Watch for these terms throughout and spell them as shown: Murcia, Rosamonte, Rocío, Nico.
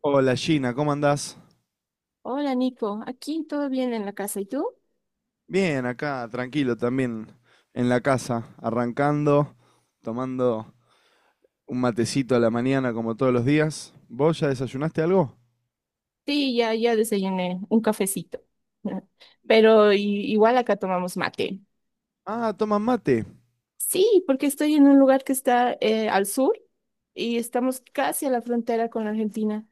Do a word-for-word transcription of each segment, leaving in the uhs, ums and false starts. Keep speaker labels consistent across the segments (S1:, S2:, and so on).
S1: Hola Gina, ¿cómo andás?
S2: Hola Nico, aquí todo bien en la casa. ¿Y tú?
S1: Bien, acá, tranquilo también, en la casa, arrancando, tomando un matecito a la mañana como todos los días. ¿Vos ya desayunaste algo?
S2: Sí, ya, ya desayuné un cafecito. Pero i- igual acá tomamos mate.
S1: Ah, toman mate.
S2: Sí, porque estoy en un lugar que está eh, al sur y estamos casi a la frontera con la Argentina,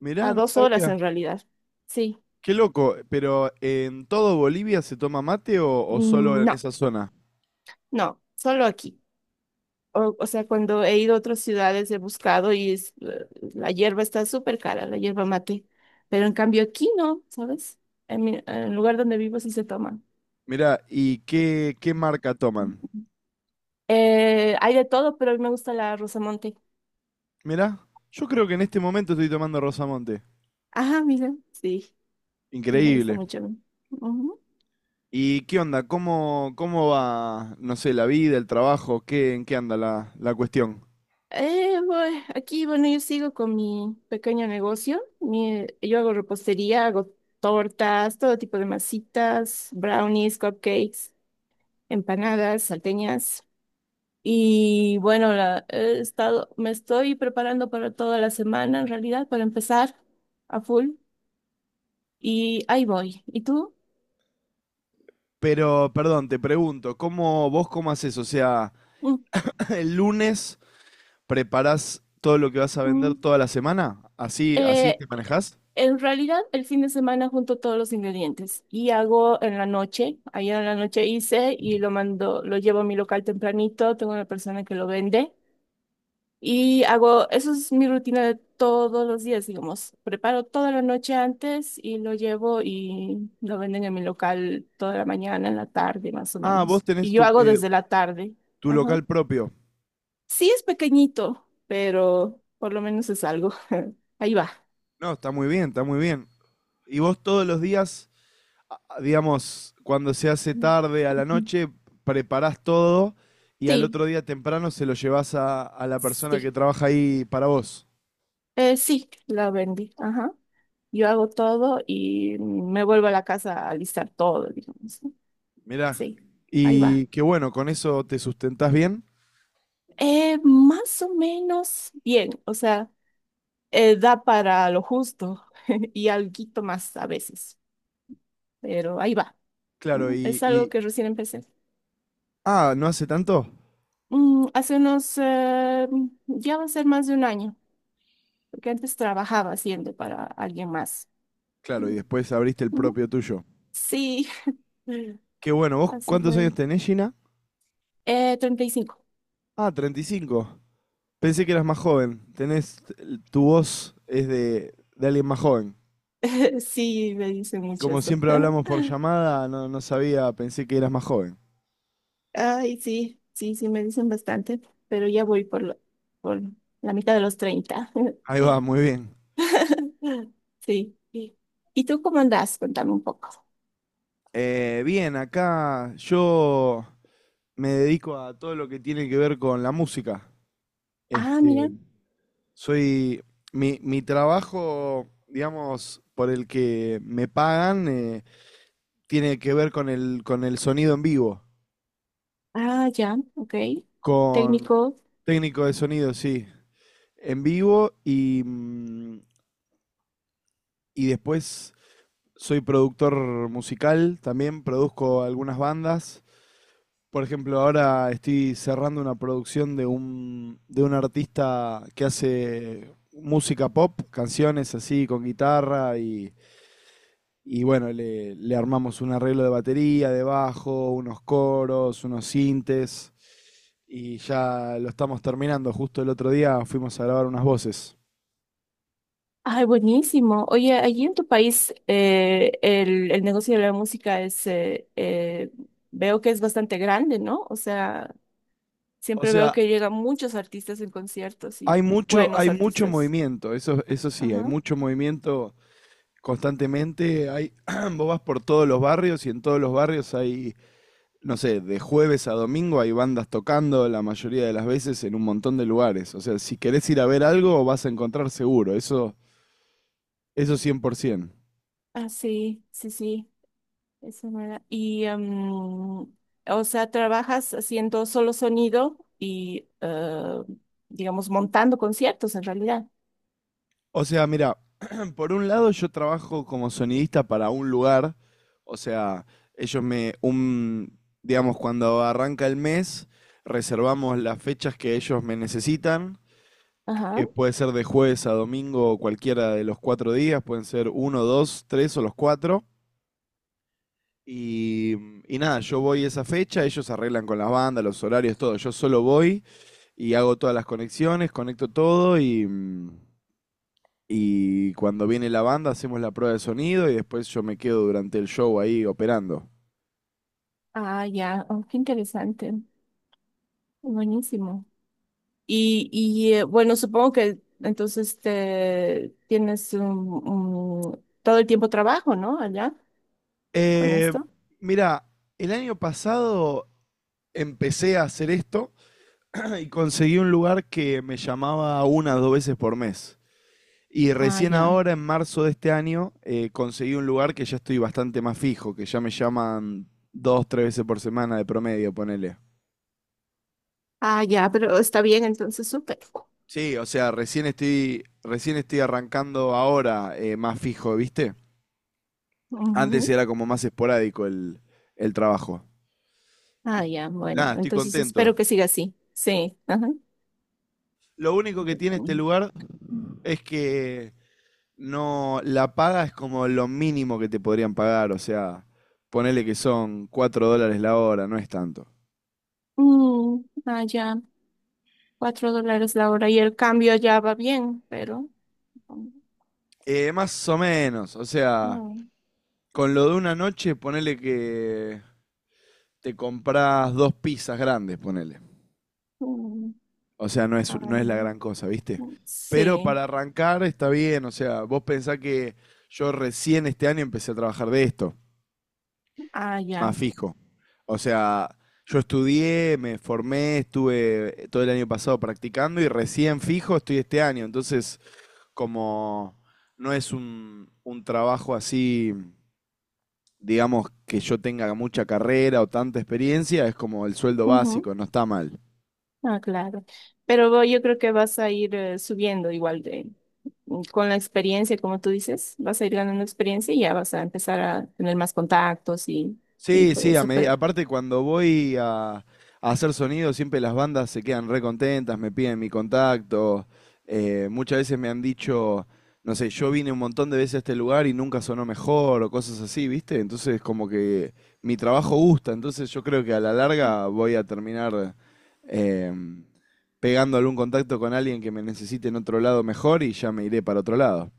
S1: Mirá,
S2: a
S1: no
S2: dos horas
S1: sabía.
S2: en realidad. Sí.
S1: Qué loco, pero eh, ¿en todo Bolivia se toma mate o, o solo
S2: Mm,
S1: en
S2: no,
S1: esa zona?
S2: no, solo aquí. O, o sea, cuando he ido a otras ciudades he buscado y es- la hierba está súper cara, la hierba mate. Pero en cambio aquí no, ¿sabes? En mi- en el lugar donde vivo sí se toma.
S1: Mirá, ¿y qué, qué marca toman?
S2: Eh, hay de todo, pero a mí me gusta la Rosamonte.
S1: Mirá, yo creo que en este momento estoy tomando Rosamonte.
S2: Ajá, mira. Sí, y me gusta
S1: Increíble.
S2: mucho. Ujú.
S1: ¿Y qué onda? ¿Cómo, cómo va, no sé, la vida, el trabajo? ¿Qué, en qué anda la, la cuestión?
S2: Eh, bueno, aquí, bueno, yo sigo con mi pequeño negocio. Mi- yo hago repostería, hago tortas, todo tipo de masitas, brownies, cupcakes, empanadas, salteñas. Y bueno, la- he estado, me estoy preparando para toda la semana, en realidad, para empezar a full. Y ahí voy. ¿Y tú?
S1: Pero, perdón, te pregunto, ¿cómo vos cómo haces? O sea,
S2: Mm.
S1: el lunes preparás todo lo que vas a
S2: Mm.
S1: vender toda la semana, así, así
S2: Eh,
S1: te manejás.
S2: En realidad, el fin de semana junto todos los ingredientes y hago en la noche. Ayer en la noche hice y lo mando, lo llevo a mi local tempranito. Tengo una persona que lo vende y hago, eso es mi rutina de todos los días, digamos. Preparo toda la noche antes y lo llevo y lo venden en mi local toda la mañana, en la tarde, más o
S1: Ah, vos
S2: menos.
S1: tenés
S2: Y yo
S1: tu,
S2: hago
S1: eh,
S2: desde la tarde.
S1: tu
S2: Ajá.
S1: local propio.
S2: Sí, es pequeñito, pero por lo menos es algo. Ahí va.
S1: No, está muy bien, está muy bien. ¿Y vos todos los días digamos, cuando se hace tarde a la
S2: Ujú.
S1: noche, preparás todo y al
S2: Sí,
S1: otro día temprano se lo llevas a, a la persona que
S2: sí.
S1: trabaja ahí para vos.
S2: Eh, sí, la vendí. Ajá. Yo hago todo y me vuelvo a la casa a alistar todo, digamos, ¿no?
S1: Mirá,
S2: Sí, ahí va.
S1: y qué bueno, con eso te sustentás bien.
S2: Eh, más o menos bien, o sea, eh, da para lo justo y alguito más a veces, pero ahí va,
S1: Claro,
S2: ¿no?
S1: y,
S2: Es algo
S1: y...
S2: que recién empecé.
S1: Ah, ¿no hace tanto?
S2: Mm, hace unos, eh, ya va a ser más de un año, porque antes trabajaba haciendo para alguien más.
S1: Claro,
S2: Mm,
S1: y después abriste el
S2: ujú.
S1: propio tuyo.
S2: Sí.
S1: Qué bueno, ¿vos
S2: Así
S1: cuántos
S2: fue.
S1: años tenés, Gina?
S2: Eh, treinta y cinco.
S1: Ah, treinta y cinco. Pensé que eras más joven. Tenés, tu voz es de, de alguien más joven.
S2: Sí, me dicen mucho
S1: Como
S2: eso.
S1: siempre hablamos por llamada, no, no sabía, pensé que eras más joven.
S2: Ay, sí, sí, sí, me dicen bastante, pero ya voy por, lo- por la mitad de los treinta.
S1: Ahí va, muy bien.
S2: Sí, sí. ¿Y tú cómo andas? Cuéntame un poco.
S1: Eh, bien, acá yo me dedico a todo lo que tiene que ver con la música.
S2: Ah, mira.
S1: Este, soy mi, mi trabajo, digamos, por el que me pagan, eh, tiene que ver con el, con el sonido en vivo,
S2: Ah, ya, ok.
S1: con
S2: Técnico.
S1: técnico de sonido, sí, en vivo y, mm, y después soy productor musical, también produzco algunas bandas. Por ejemplo, ahora estoy cerrando una producción de un, de un artista que hace música pop, canciones así con guitarra y, y bueno, le, le armamos un arreglo de batería, de bajo, unos coros, unos sintes y ya lo estamos terminando. Justo el otro día fuimos a grabar unas voces.
S2: Ay, buenísimo. Oye, allí en tu país eh, el, el negocio de la música es, eh, eh, veo que es bastante grande, ¿no? O sea,
S1: O
S2: siempre veo
S1: sea,
S2: que llegan muchos artistas en conciertos y
S1: hay mucho,
S2: buenos
S1: hay mucho
S2: artistas.
S1: movimiento, eso, eso sí, hay
S2: Ajá.
S1: mucho movimiento constantemente. Hay, vos vas por todos los barrios y en todos los barrios hay no sé, de jueves a domingo hay bandas tocando la mayoría de las veces en un montón de lugares. O sea, si querés ir a ver algo, vas a encontrar seguro. Eso, eso cien por ciento.
S2: Ah, sí, sí, sí, eso me da-. Y, em, o sea, trabajas haciendo solo sonido y, eh, digamos, montando conciertos en realidad.
S1: O sea, mira, por un lado yo trabajo como sonidista para un lugar. O sea, ellos me, un, digamos, cuando arranca el mes, reservamos las fechas que ellos me necesitan.
S2: Ajá.
S1: Que puede ser de jueves a domingo o cualquiera de los cuatro días, pueden ser uno, dos, tres o los cuatro. Y, y nada, yo voy esa fecha, ellos arreglan con las bandas, los horarios, todo. Yo solo voy y hago todas las conexiones, conecto todo y, mm, y cuando viene la banda hacemos la prueba de sonido y después yo me quedo durante el show ahí operando.
S2: Ah, ya, oh, qué interesante. Buenísimo. Y, y eh, bueno, supongo que entonces te tienes un, un- todo el tiempo trabajo, ¿no? Allá con
S1: Eh,
S2: esto.
S1: Mira, el año pasado empecé a hacer esto y conseguí un lugar que me llamaba una o dos veces por mes. Y
S2: Ah,
S1: recién
S2: ya.
S1: ahora, en marzo de este año, eh, conseguí un lugar que ya estoy bastante más fijo, que ya me llaman dos, tres veces por semana de promedio, ponele.
S2: Ah, ya, pero está bien, entonces súper.
S1: Sí, o sea, recién estoy, recién estoy arrancando ahora eh, más fijo, ¿viste? Antes
S2: Ujú.
S1: era como más esporádico el, el trabajo.
S2: Ah,
S1: Y
S2: ya, bueno,
S1: nada, estoy
S2: entonces
S1: contento.
S2: espero que siga así. Sí. Ajá.
S1: Lo único que tiene este lugar es que no, la paga es como lo mínimo que te podrían pagar, o sea, ponele que son cuatro dólares la hora, no es tanto.
S2: Mm, ah, ya, cuatro dólares la hora y el cambio ya va bien, pero...
S1: Eh, más o menos, o sea,
S2: mm,
S1: con lo de una noche, ponele que te compras dos pizzas grandes, ponele.
S2: mm,
S1: O sea, no es,
S2: ah,
S1: no es
S2: ya.
S1: la gran cosa, ¿viste? Pero
S2: Sí,
S1: para arrancar está bien, o sea, vos pensás que yo recién este año empecé a trabajar de esto,
S2: ah, ya.
S1: más fijo. O sea, yo estudié, me formé, estuve todo el año pasado practicando y recién fijo estoy este año. Entonces, como no es un, un trabajo así digamos, que yo tenga mucha carrera o tanta experiencia, es como el sueldo básico, no está mal.
S2: Ah, claro. Pero vo- yo creo que vas a ir eh, subiendo igual de, mm, con la experiencia, como tú dices, vas a ir ganando experiencia y ya vas a empezar a tener más contactos y, y
S1: Sí,
S2: todo
S1: sí, a
S2: eso.
S1: medi-
S2: Pero
S1: aparte cuando voy a, a hacer sonido, siempre las bandas se quedan re contentas, me piden mi contacto. Eh, muchas veces me han dicho, no sé, yo vine un montón de veces a este lugar y nunca sonó mejor o cosas así, ¿viste? Entonces como que mi trabajo gusta, entonces yo creo que a la larga voy a terminar em, pegando algún contacto con alguien que me necesite en otro lado mejor y ya me iré para otro lado.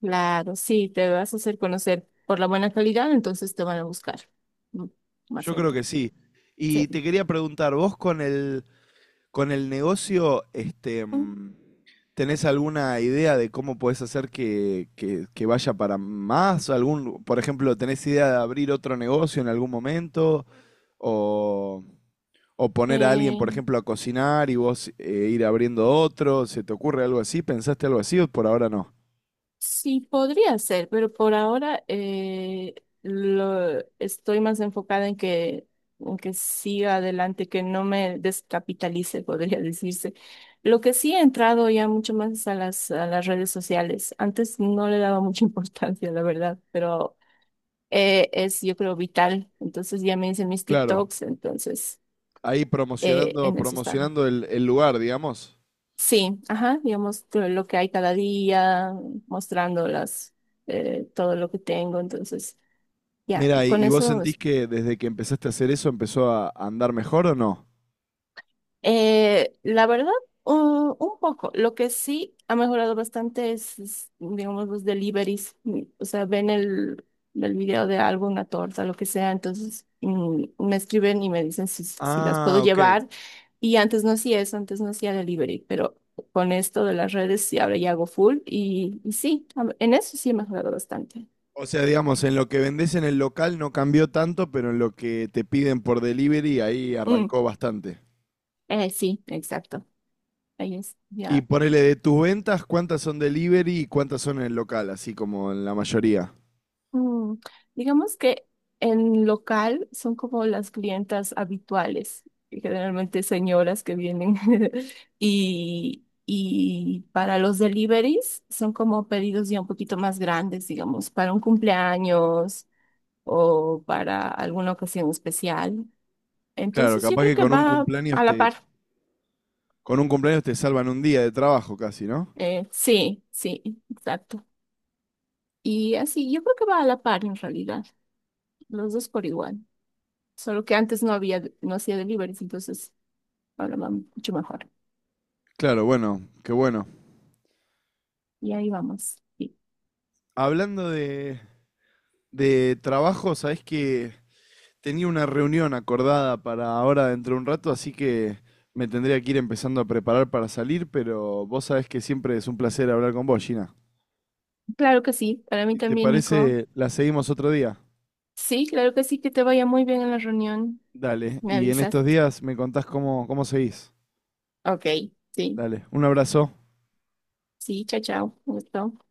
S2: claro, sí, te vas a hacer conocer por la buena calidad, entonces te van a buscar mm, más
S1: Yo creo
S2: gente.
S1: que sí.
S2: Sí.
S1: Y te quería preguntar, vos con el... Con el negocio, este,
S2: Mm,
S1: mm, ¿tenés alguna idea de cómo podés hacer que, que- que vaya para más? ¿Algún, por ejemplo, tenés idea de abrir otro negocio en algún momento? ¿O, o poner a alguien,
S2: eh,
S1: por ejemplo, a cocinar y vos eh, ir abriendo otro? ¿Se te ocurre algo así? ¿Pensaste algo así o por ahora no?
S2: sí, podría ser, pero por ahora eh, lo, estoy más enfocada en que, en que, siga adelante, que no me descapitalice, podría decirse. Lo que sí he entrado ya mucho más es a las, a las redes sociales. Antes no le daba mucha importancia, la verdad, pero eh, es, yo creo, vital. Entonces ya me hice mis
S1: Claro,
S2: TikToks, entonces
S1: ahí
S2: eh,
S1: promocionando,
S2: en eso está.
S1: promocionando el, el lugar, digamos.
S2: Sí, ajá, digamos todo lo que hay cada día, mostrándolas, eh, todo lo que tengo, entonces, ya, y
S1: Mira, ¿y,
S2: con
S1: y vos
S2: eso,
S1: sentís
S2: es-
S1: que desde que empezaste a hacer eso empezó a a andar mejor o no?
S2: eh, la verdad, un, un poco, lo que sí ha mejorado bastante es, es, digamos, los deliveries. Mm, o sea, ven el, el video de algo, una torta, lo que sea, entonces mm, me escriben y me dicen si, si las puedo
S1: Ah, ok.
S2: llevar. Y antes no hacía eso, antes no hacía delivery, pero con esto de las redes sí, ahora ya hago full y, y sí, a- en eso sí he mejorado bastante.
S1: O sea, digamos, en lo que vendés en el local no cambió tanto, pero en lo que te piden por delivery ahí
S2: Mm,
S1: arrancó bastante.
S2: eh, sí, exacto. Ahí es,
S1: Y
S2: ya.
S1: ponele de tus ventas, ¿cuántas son delivery y cuántas son en el local? Así como en la mayoría.
S2: Mm, digamos que en local son como las clientas habituales, y generalmente señoras que vienen y, y para los deliveries son como pedidos ya un poquito más grandes, digamos, para un cumpleaños o para alguna ocasión especial.
S1: Claro,
S2: Entonces yo
S1: capaz
S2: creo
S1: que
S2: que
S1: con un
S2: va a
S1: cumpleaños te,
S2: la par.
S1: con un cumpleaños te salvan un día de trabajo casi, ¿no?
S2: Eh, sí, sí, exacto. Y así, yo creo que va a la par en realidad, los dos por igual. Solo que antes no había, no hacía deliveries, entonces ahora va mucho mejor.
S1: Claro, bueno, qué bueno.
S2: Y ahí vamos. Sí.
S1: Hablando de, de trabajo, ¿sabés que tenía una reunión acordada para ahora dentro de un rato, así que me tendría que ir empezando a preparar para salir, pero vos sabés que siempre es un placer hablar con vos, Gina?
S2: Claro que sí, para mí
S1: Si te
S2: también, Nico.
S1: parece, la seguimos otro día.
S2: Sí, claro que sí, que te vaya muy bien en la reunión.
S1: Dale,
S2: Me
S1: y en
S2: avisas.
S1: estos días me contás cómo, cómo seguís.
S2: Ok, sí,
S1: Dale, un abrazo.
S2: sí, chao, chao. Un gusto.